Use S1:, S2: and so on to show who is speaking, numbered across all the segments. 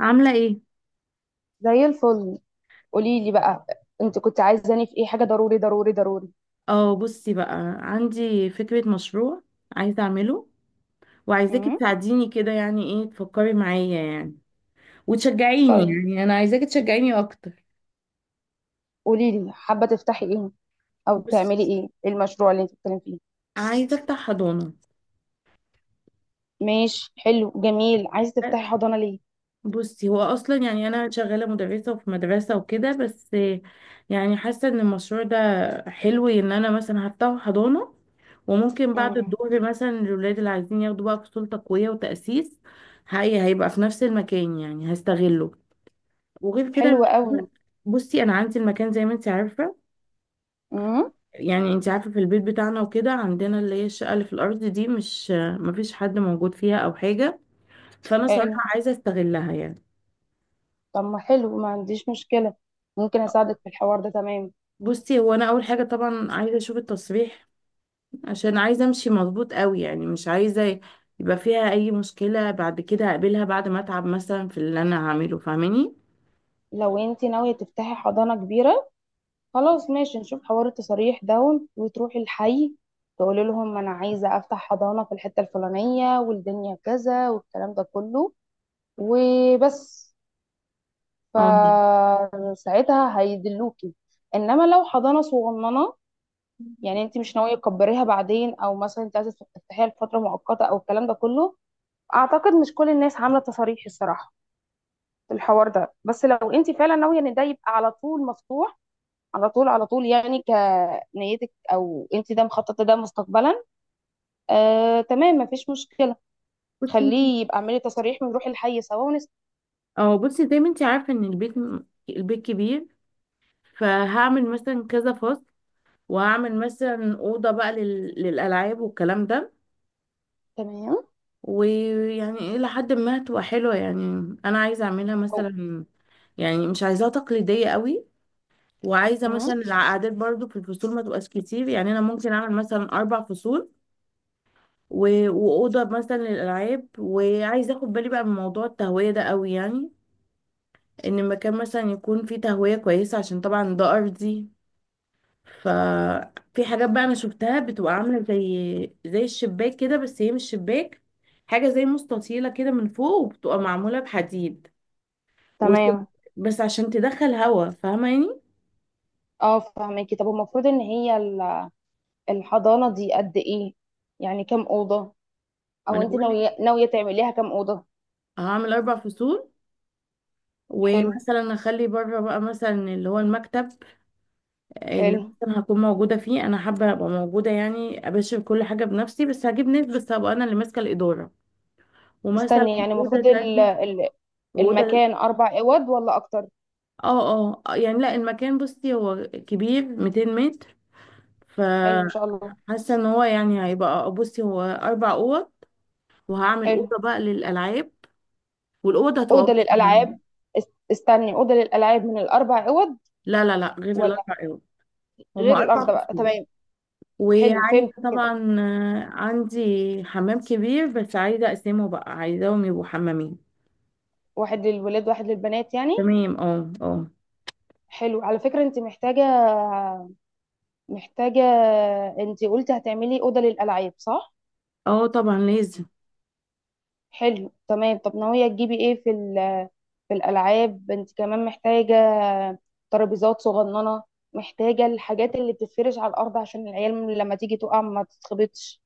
S1: عاملة ايه؟
S2: زي الفل. قولي لي بقى، انت كنت عايزاني في ايه؟ حاجه ضروري ضروري ضروري.
S1: اه، بصي بقى. عندي فكرة مشروع عايزة اعمله، وعايزاكي
S2: امم
S1: تساعديني كده، يعني ايه تفكري معايا يعني وتشجعيني.
S2: طيب،
S1: يعني انا عايزاكي تشجعيني اكتر.
S2: قولي لي، حابه تفتحي ايه او تعملي
S1: بصي،
S2: ايه؟ ايه المشروع اللي انت بتتكلمي فيه؟
S1: عايزة افتح حضانة.
S2: ماشي، حلو، جميل. عايزه تفتحي حضانه ليه؟
S1: بصي هو اصلا يعني انا شغالة مدرسة وفي مدرسة وكده بس. يعني حاسة ان المشروع ده حلو، ان انا مثلا هفتح حضانة، وممكن بعد
S2: امم
S1: الظهر مثلا الولاد اللي عايزين ياخدوا بقى فصول تقوية وتأسيس. هي هيبقى في نفس المكان، يعني هستغله. وغير كده
S2: حلو
S1: ان
S2: قوي.
S1: بصي انا عندي المكان زي ما انت عارفه.
S2: امم
S1: يعني انت عارفه في البيت بتاعنا وكده، عندنا اللي هي الشقه اللي في الارض دي مش مفيش حد موجود فيها او حاجه، فانا صراحه
S2: حلو.
S1: عايزه استغلها يعني.
S2: طب ما حلو، ما عنديش مشكله. ممكن اساعدك في الحوار ده، تمام.
S1: بصي هو انا اول حاجه طبعا عايزه اشوف التصريح، عشان عايزه امشي مظبوط قوي، يعني مش عايزه يبقى فيها اي مشكله بعد كده اقابلها بعد ما اتعب مثلا في اللي انا هعمله، فاهماني؟
S2: لو انت ناويه تفتحي حضانه كبيره، خلاص ماشي، نشوف حوار التصاريح ده وتروحي الحي تقولي لهم انا عايزه افتح حضانه في الحته الفلانيه والدنيا كذا والكلام ده كله وبس،
S1: اه،
S2: فساعتها هيدلوكي. انما لو حضانه صغننه، يعني انت مش ناويه تكبريها بعدين، او مثلا انت عايزه تفتحيها لفتره مؤقته او الكلام ده كله، اعتقد مش كل الناس عامله تصاريح الصراحه في الحوار ده. بس لو انت فعلا ناويه ان ده يبقى على طول مفتوح، على طول على طول يعني، كنيتك او انت ده مخططه ده مستقبلا، آه تمام مفيش مشكله.
S1: بصي.
S2: خليه يبقى، اعملي تصاريح ونروح الحي سوا ونس.
S1: اه بصي، زي ما انت عارفه ان البيت كبير، فهعمل مثلا كذا فصل، وهعمل مثلا أوضة بقى للألعاب والكلام ده.
S2: تمام.
S1: ويعني إلى حد ما هتبقى حلوة يعني. أنا عايزة أعملها
S2: أو.
S1: مثلا، يعني مش عايزاها تقليدية قوي. وعايزة
S2: مم.
S1: مثلا العقادات برضو في الفصول ما تبقاش كتير، يعني أنا ممكن أعمل مثلا أربع فصول و... وأوضة مثلا للألعاب. وعايزة أخد بالي بقى من موضوع التهوية ده قوي، يعني إن المكان مثلا يكون فيه تهوية كويسة، عشان طبعا ده أرضي. ففي حاجات بقى انا شفتها بتبقى عامله زي الشباك كده، بس هي مش شباك، حاجه زي مستطيله كده من فوق، وبتبقى معموله بحديد وسلك،
S2: تمام.
S1: بس عشان تدخل هوا، فاهمه يعني.
S2: اه فهماكي. طب المفروض ان هي الحضانه دي قد ايه؟ يعني كام اوضه؟
S1: ما
S2: او
S1: انا
S2: انت
S1: بقول لك،
S2: ناويه تعمليها كام اوضه؟
S1: هعمل اربع فصول،
S2: حلو.
S1: ومثلا اخلي بره بقى مثلا اللي هو المكتب، اللي
S2: حلو.
S1: مثلا هكون موجوده فيه. انا حابه ابقى موجوده، يعني ابشر كل حاجه بنفسي، بس هجيب ناس بس هبقى انا اللي ماسكه الاداره. ومثلا
S2: استني، يعني
S1: اوضه
S2: المفروض
S1: تانية واوضه.
S2: المكان اربع اوض ولا اكتر؟
S1: اه اه، يعني لا، المكان بصي هو كبير 200 متر،
S2: حلو ما شاء
S1: فحاسه
S2: الله.
S1: ان هو يعني هيبقى بصي هو اربع اوض، وهعمل
S2: حلو.
S1: اوضه بقى للالعاب، والاوضه هتبقى
S2: اوضه
S1: واسعه يعني.
S2: للالعاب. استني، اوضه للالعاب من الاربع اوض
S1: لا لا لا، غير
S2: ولا؟
S1: الاربع اوض. هما
S2: غير الارض
S1: اربع
S2: بقى،
S1: فصول.
S2: تمام. حلو،
S1: وعايزه
S2: فهمت كده.
S1: طبعا، آه، عندي حمام كبير بس عايزه اقسمه بقى، عايزاهم يبقوا حمامين.
S2: واحد للولاد واحد للبنات يعني.
S1: تمام، اه اه.
S2: حلو، على فكرة انت محتاجة، محتاجة. انت قلتي هتعملي أوضة للألعاب صح؟
S1: اه طبعا لازم.
S2: حلو تمام. طب ناوية تجيبي ايه في في الألعاب؟ انت كمان محتاجة ترابيزات صغننة، محتاجة الحاجات اللي بتتفرش على الأرض عشان العيال لما تيجي تقع ما تتخبطش،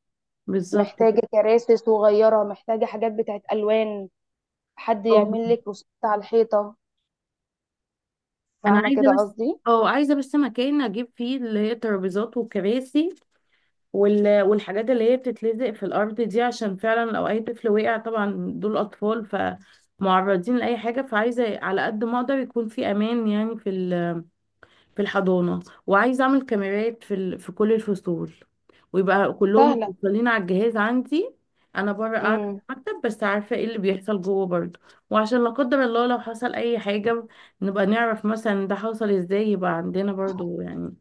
S1: بالظبط كده.
S2: محتاجة كراسي صغيرة، محتاجة حاجات بتاعت ألوان. حد
S1: اه
S2: يعمل لك رسومات على الحيطة،
S1: انا
S2: فاهمة كده
S1: عايزه بس،
S2: قصدي؟
S1: اه عايزه بس مكان اجيب فيه اللي هي ترابيزات وكراسي وال... والحاجات اللي هي بتتلزق في الأرض دي، عشان فعلا لو أي طفل وقع، طبعا دول أطفال فمعرضين لأي حاجة، فعايزة على قد ما أقدر يكون في أمان، يعني في الحضانة. وعايزة أعمل كاميرات في كل الفصول، ويبقى كلهم
S2: سهلة.
S1: متوصلين على الجهاز عندي. أنا بره قاعدة
S2: امم.
S1: في المكتب، بس عارفة ايه اللي بيحصل جوه برضه، وعشان لا قدر الله لو حصل أي حاجة نبقى نعرف مثلا ده حصل ازاي، يبقى عندنا برضه يعني.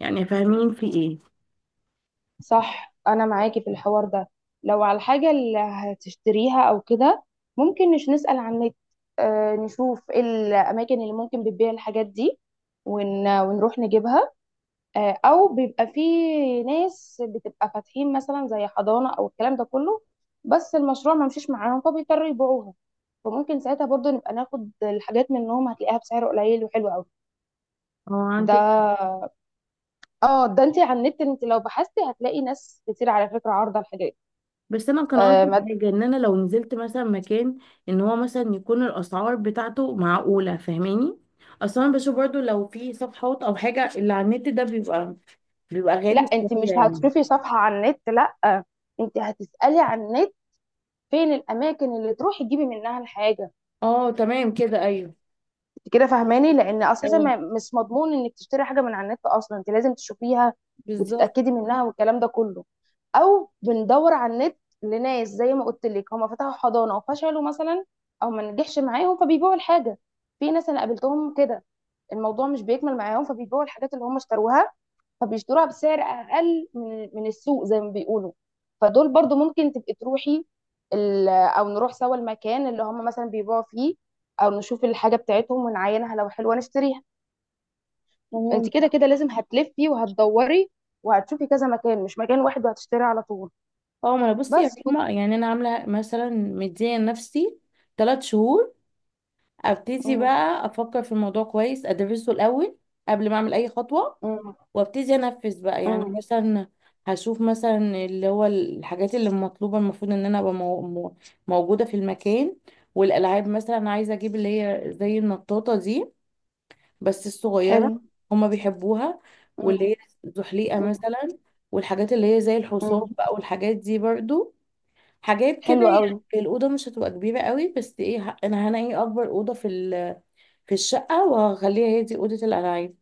S1: يعني فاهمين في ايه؟
S2: صح، انا معاكي في الحوار ده. لو على الحاجة اللي هتشتريها او كده، ممكن نسأل عن النت، آه، نشوف ايه الاماكن اللي ممكن بتبيع الحاجات دي ونروح نجيبها. آه، او بيبقى في ناس بتبقى فاتحين مثلا زي حضانة او الكلام ده كله، بس المشروع ما مشيش معاهم فبيضطروا يبيعوها، فممكن ساعتها برضه نبقى ناخد الحاجات منهم، هتلاقيها بسعر قليل وحلو قوي.
S1: اه
S2: ده.
S1: عندك.
S2: اه، ده انت على النت، انت لو بحثتي هتلاقي ناس كتير على فكره عارضه الحاجات.
S1: بس انا كان
S2: آه
S1: قصدي
S2: ما...
S1: حاجه، ان انا لو نزلت مثلا مكان، ان هو مثلا يكون الاسعار بتاعته معقوله، فاهماني؟ اصلا انا بشوف برضو لو في صفحات او حاجه اللي على النت، ده بيبقى
S2: لا،
S1: غالي
S2: انت
S1: شويه
S2: مش
S1: يعني.
S2: هتشوفي صفحه على النت، لا، انت هتسالي على النت فين الاماكن اللي تروحي تجيبي منها الحاجه.
S1: اه تمام كده، ايوه.
S2: انت كده فاهماني، لان اساسا
S1: اه
S2: ما... مش مضمون انك تشتري حاجه من على النت اصلا، انت لازم تشوفيها
S1: بالظبط.
S2: وتتاكدي منها والكلام ده كله. او بندور على النت لناس زي ما قلت لك هم فتحوا حضانه وفشلوا مثلا، او ما نجحش معاهم فبيبيعوا الحاجه. في ناس انا قابلتهم كده، الموضوع مش بيكمل معاهم فبيبيعوا الحاجات اللي هم اشتروها، فبيشتروها بسعر اقل من السوق زي ما بيقولوا. فدول برضو ممكن تبقي تروحي او نروح سوا المكان اللي هم مثلا بيبيعوا فيه، او نشوف الحاجه بتاعتهم ونعاينها، لو حلوه نشتريها.
S1: تمام
S2: انت كده
S1: صح.
S2: كده لازم هتلفي وهتدوري وهتشوفي كذا مكان، مش مكان واحد وهتشتري على طول.
S1: اه ما انا بصي يا
S2: بس
S1: رحمه، يعني انا عامله مثلا مديه لنفسي 3 شهور، ابتدي
S2: مم.
S1: بقى افكر في الموضوع كويس، ادرسه الاول قبل ما اعمل اي خطوه،
S2: مم.
S1: وابتدي انفذ بقى، يعني
S2: مم.
S1: مثلا هشوف مثلا اللي هو الحاجات اللي مطلوبه المفروض ان انا ابقى موجوده في المكان. والالعاب مثلا عايزه اجيب اللي هي زي النطاطه دي بس الصغيره،
S2: حلو.
S1: هما بيحبوها.
S2: مم.
S1: واللي هي زحليقه
S2: مم.
S1: مثلا، والحاجات اللي هي زي الحصان
S2: مم.
S1: بقى والحاجات دي برضو، حاجات كده.
S2: حلو قوي.
S1: يعني الاوضه مش هتبقى كبيره قوي، بس ايه، انا هنقي اكبر اوضه في الشقه وهخليها هي دي اوضه الالعاب.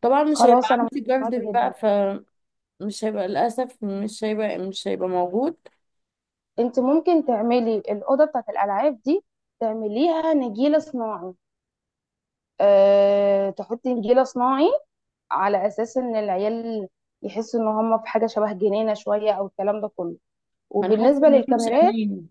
S1: طبعا مش هيبقى
S2: خلاص، انا
S1: عندي
S2: معاكي
S1: جاردن بقى،
S2: جدا.
S1: مش هيبقى للأسف، مش هيبقى موجود.
S2: انت ممكن تعملي الاوضه بتاعت الالعاب دي، تعمليها نجيله صناعي. تحطي نجيله صناعي على اساس ان العيال يحسوا ان هم في حاجه شبه جنينه شويه او الكلام ده كله.
S1: ما أنا حاسة
S2: وبالنسبه
S1: إن هي مش
S2: للكاميرات،
S1: أمان.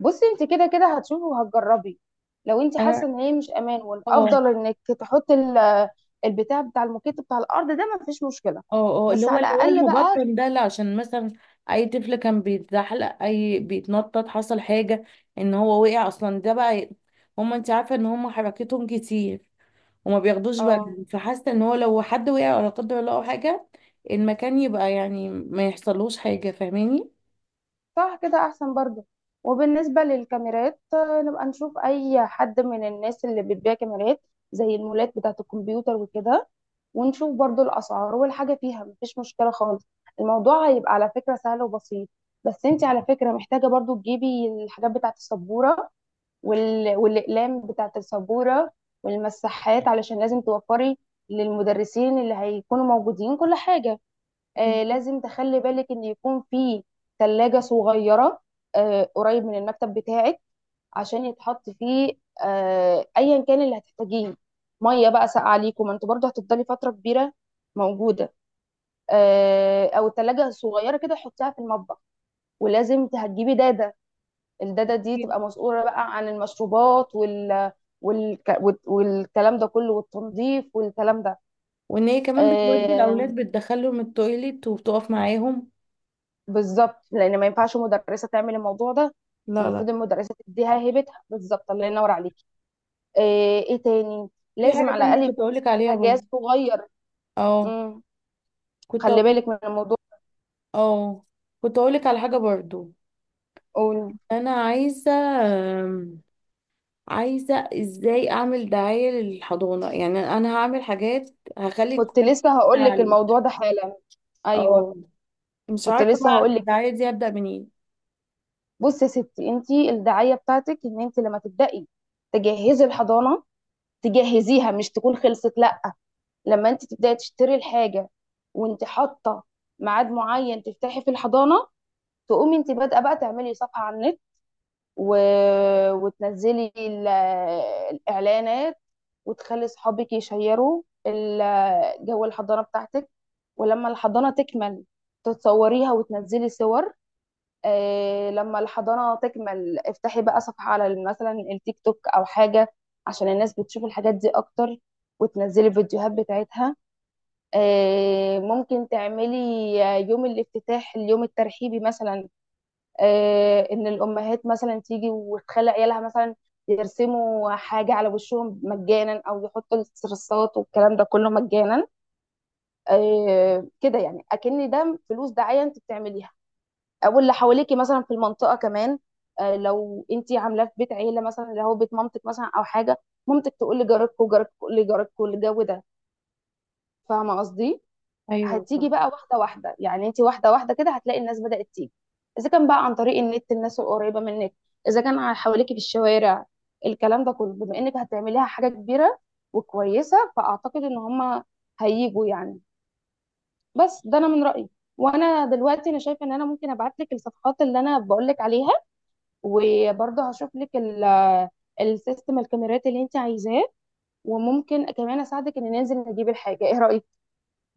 S2: بصي انت كده كده هتشوفي وهتجربي، لو انت
S1: أنا،
S2: حاسه ان هي مش امان،
S1: اه،
S2: والافضل انك تحطي البتاع بتاع الموكيت بتاع الارض ده، مفيش مشكله،
S1: اه اه اللي
S2: بس
S1: هو
S2: على
S1: اللي هو
S2: الاقل بقى.
S1: المبطن ده، لا عشان مثلا أي طفل كان بيتزحلق، أي بيتنطط حصل حاجة إن هو وقع أصلا، ده بقى هما، أنت عارفة إن هما حركتهم كتير وما بياخدوش
S2: اه.
S1: بالهم، فحاسة إن هو لو حد وقع ولا قدر الله أو حاجة، المكان يبقى يعني ما يحصلوش حاجة، فاهماني؟
S2: صح، كده احسن برضو. وبالنسبة للكاميرات آه، نبقى نشوف اي حد من الناس اللي بتبيع كاميرات زي المولات بتاعة الكمبيوتر وكده، ونشوف برضو الاسعار والحاجة، فيها مفيش مشكلة خالص. الموضوع هيبقى على فكرة سهل وبسيط. بس انت على فكرة محتاجة برضو تجيبي الحاجات بتاعة السبورة والاقلام بتاعة السبورة والمساحات، علشان لازم توفري للمدرسين اللي هيكونوا موجودين كل حاجة. آه، لازم تخلي بالك ان يكون في ثلاجة صغيرة، آه، قريب من المكتب بتاعك عشان يتحط فيه، آه، ايا كان اللي هتحتاجيه، ميه بقى ساقعة ليكم، ما انتوا برضه هتفضلي فترة كبيرة موجودة. آه، او الثلاجة الصغيرة كده حطيها في المطبخ. ولازم هتجيبي دادة، الدادة دي تبقى مسؤولة بقى عن المشروبات والك... والكلام ده كله، والتنظيف والكلام ده.
S1: وإن هي كمان بتودي
S2: آه،
S1: الأولاد بتدخلهم التويليت وبتقف معاهم.
S2: بالظبط، لان ما ينفعش مدرسه تعمل الموضوع ده.
S1: لا لا.
S2: المفروض المدرسه تديها هيبتها بالظبط. الله ينور عليكي. ايه, ايه تاني؟
S1: في
S2: لازم
S1: حاجة
S2: على
S1: تانية
S2: الاقل
S1: كنت
S2: يكون
S1: أقولك عليها
S2: كده جهاز
S1: برضه.
S2: صغير.
S1: اه
S2: امم
S1: كنت
S2: خلي
S1: أقول.
S2: بالك من الموضوع.
S1: اه كنت أقولك على حاجة برضه.
S2: قول.
S1: أنا آم، عايزة إزاي أعمل دعاية للحضانة، يعني أنا هعمل حاجات هخلي
S2: كنت
S1: الكواليتي
S2: لسه هقول لك
S1: بتاعي.
S2: الموضوع ده حالا. ايوه.
S1: اه مش
S2: كنت
S1: عارفة
S2: لسه
S1: بقى
S2: هقول لك.
S1: الدعاية دي هبدأ منين.
S2: بصي يا ستي، انت الدعايه بتاعتك ان انت لما تبداي تجهزي الحضانه، تجهزيها مش تكون خلصت، لا، لما انت تبداي تشتري الحاجه وانت حاطه ميعاد معين تفتحي في الحضانه، تقومي انت بادئه بقى تعملي صفحه على النت و... وتنزلي الاعلانات، وتخلي صحابك يشيروا جو الحضانه بتاعتك. ولما الحضانه تكمل، تتصوريها وتنزلي صور. آه، لما الحضانه تكمل افتحي بقى صفحه على مثلا التيك توك او حاجه عشان الناس بتشوف الحاجات دي اكتر، وتنزلي الفيديوهات بتاعتها. آه، ممكن تعملي يوم الافتتاح، اليوم الترحيبي مثلا، آه، ان الامهات مثلا تيجي وتخلي عيالها مثلا يرسموا حاجه على وشهم مجانا، او يحطوا الصرصات والكلام ده كله مجانا. آه، كده يعني اكن ده فلوس دعايه انت بتعمليها. او اللي حواليكي مثلا في المنطقه كمان، آه، لو انت عاملاه في بيت عيله مثلا، اللي هو بيت مامتك مثلا او حاجه، مامتك تقول لجارتكم، جارتكم تقول لجارتكم الجو ده، فاهمه قصدي؟
S1: أيوه
S2: هتيجي
S1: صح.
S2: بقى واحده واحده يعني، انت واحده واحده كده هتلاقي الناس بدات تيجي، اذا كان بقى عن طريق النت الناس القريبه منك، اذا كان على حواليكي في الشوارع، الكلام ده كله، بما انك هتعمليها حاجه كبيره وكويسه، فاعتقد ان هم هيجوا يعني. بس ده انا من رايي. وانا دلوقتي انا شايفه ان انا ممكن ابعت لك الصفحات اللي انا بقول لك عليها، وبرضه هشوف لك السيستم الكاميرات اللي انت عايزاه، وممكن كمان اساعدك ان ننزل نجيب الحاجه، ايه رايك؟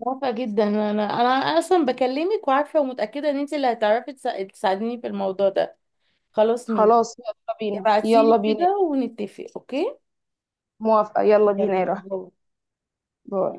S1: موافقة جدا، أنا أصلا بكلمك وعارفة ومتأكدة إن أنت اللي هتعرفي تساعديني في الموضوع ده. خلاص، مين؟
S2: خلاص يلا بينا، يلا
S1: ابعتيلي
S2: بينا.
S1: كده ونتفق، أوكي.
S2: موافقة، يلا
S1: يلا
S2: بينا يا
S1: باي
S2: روحي.
S1: باي.
S2: باي.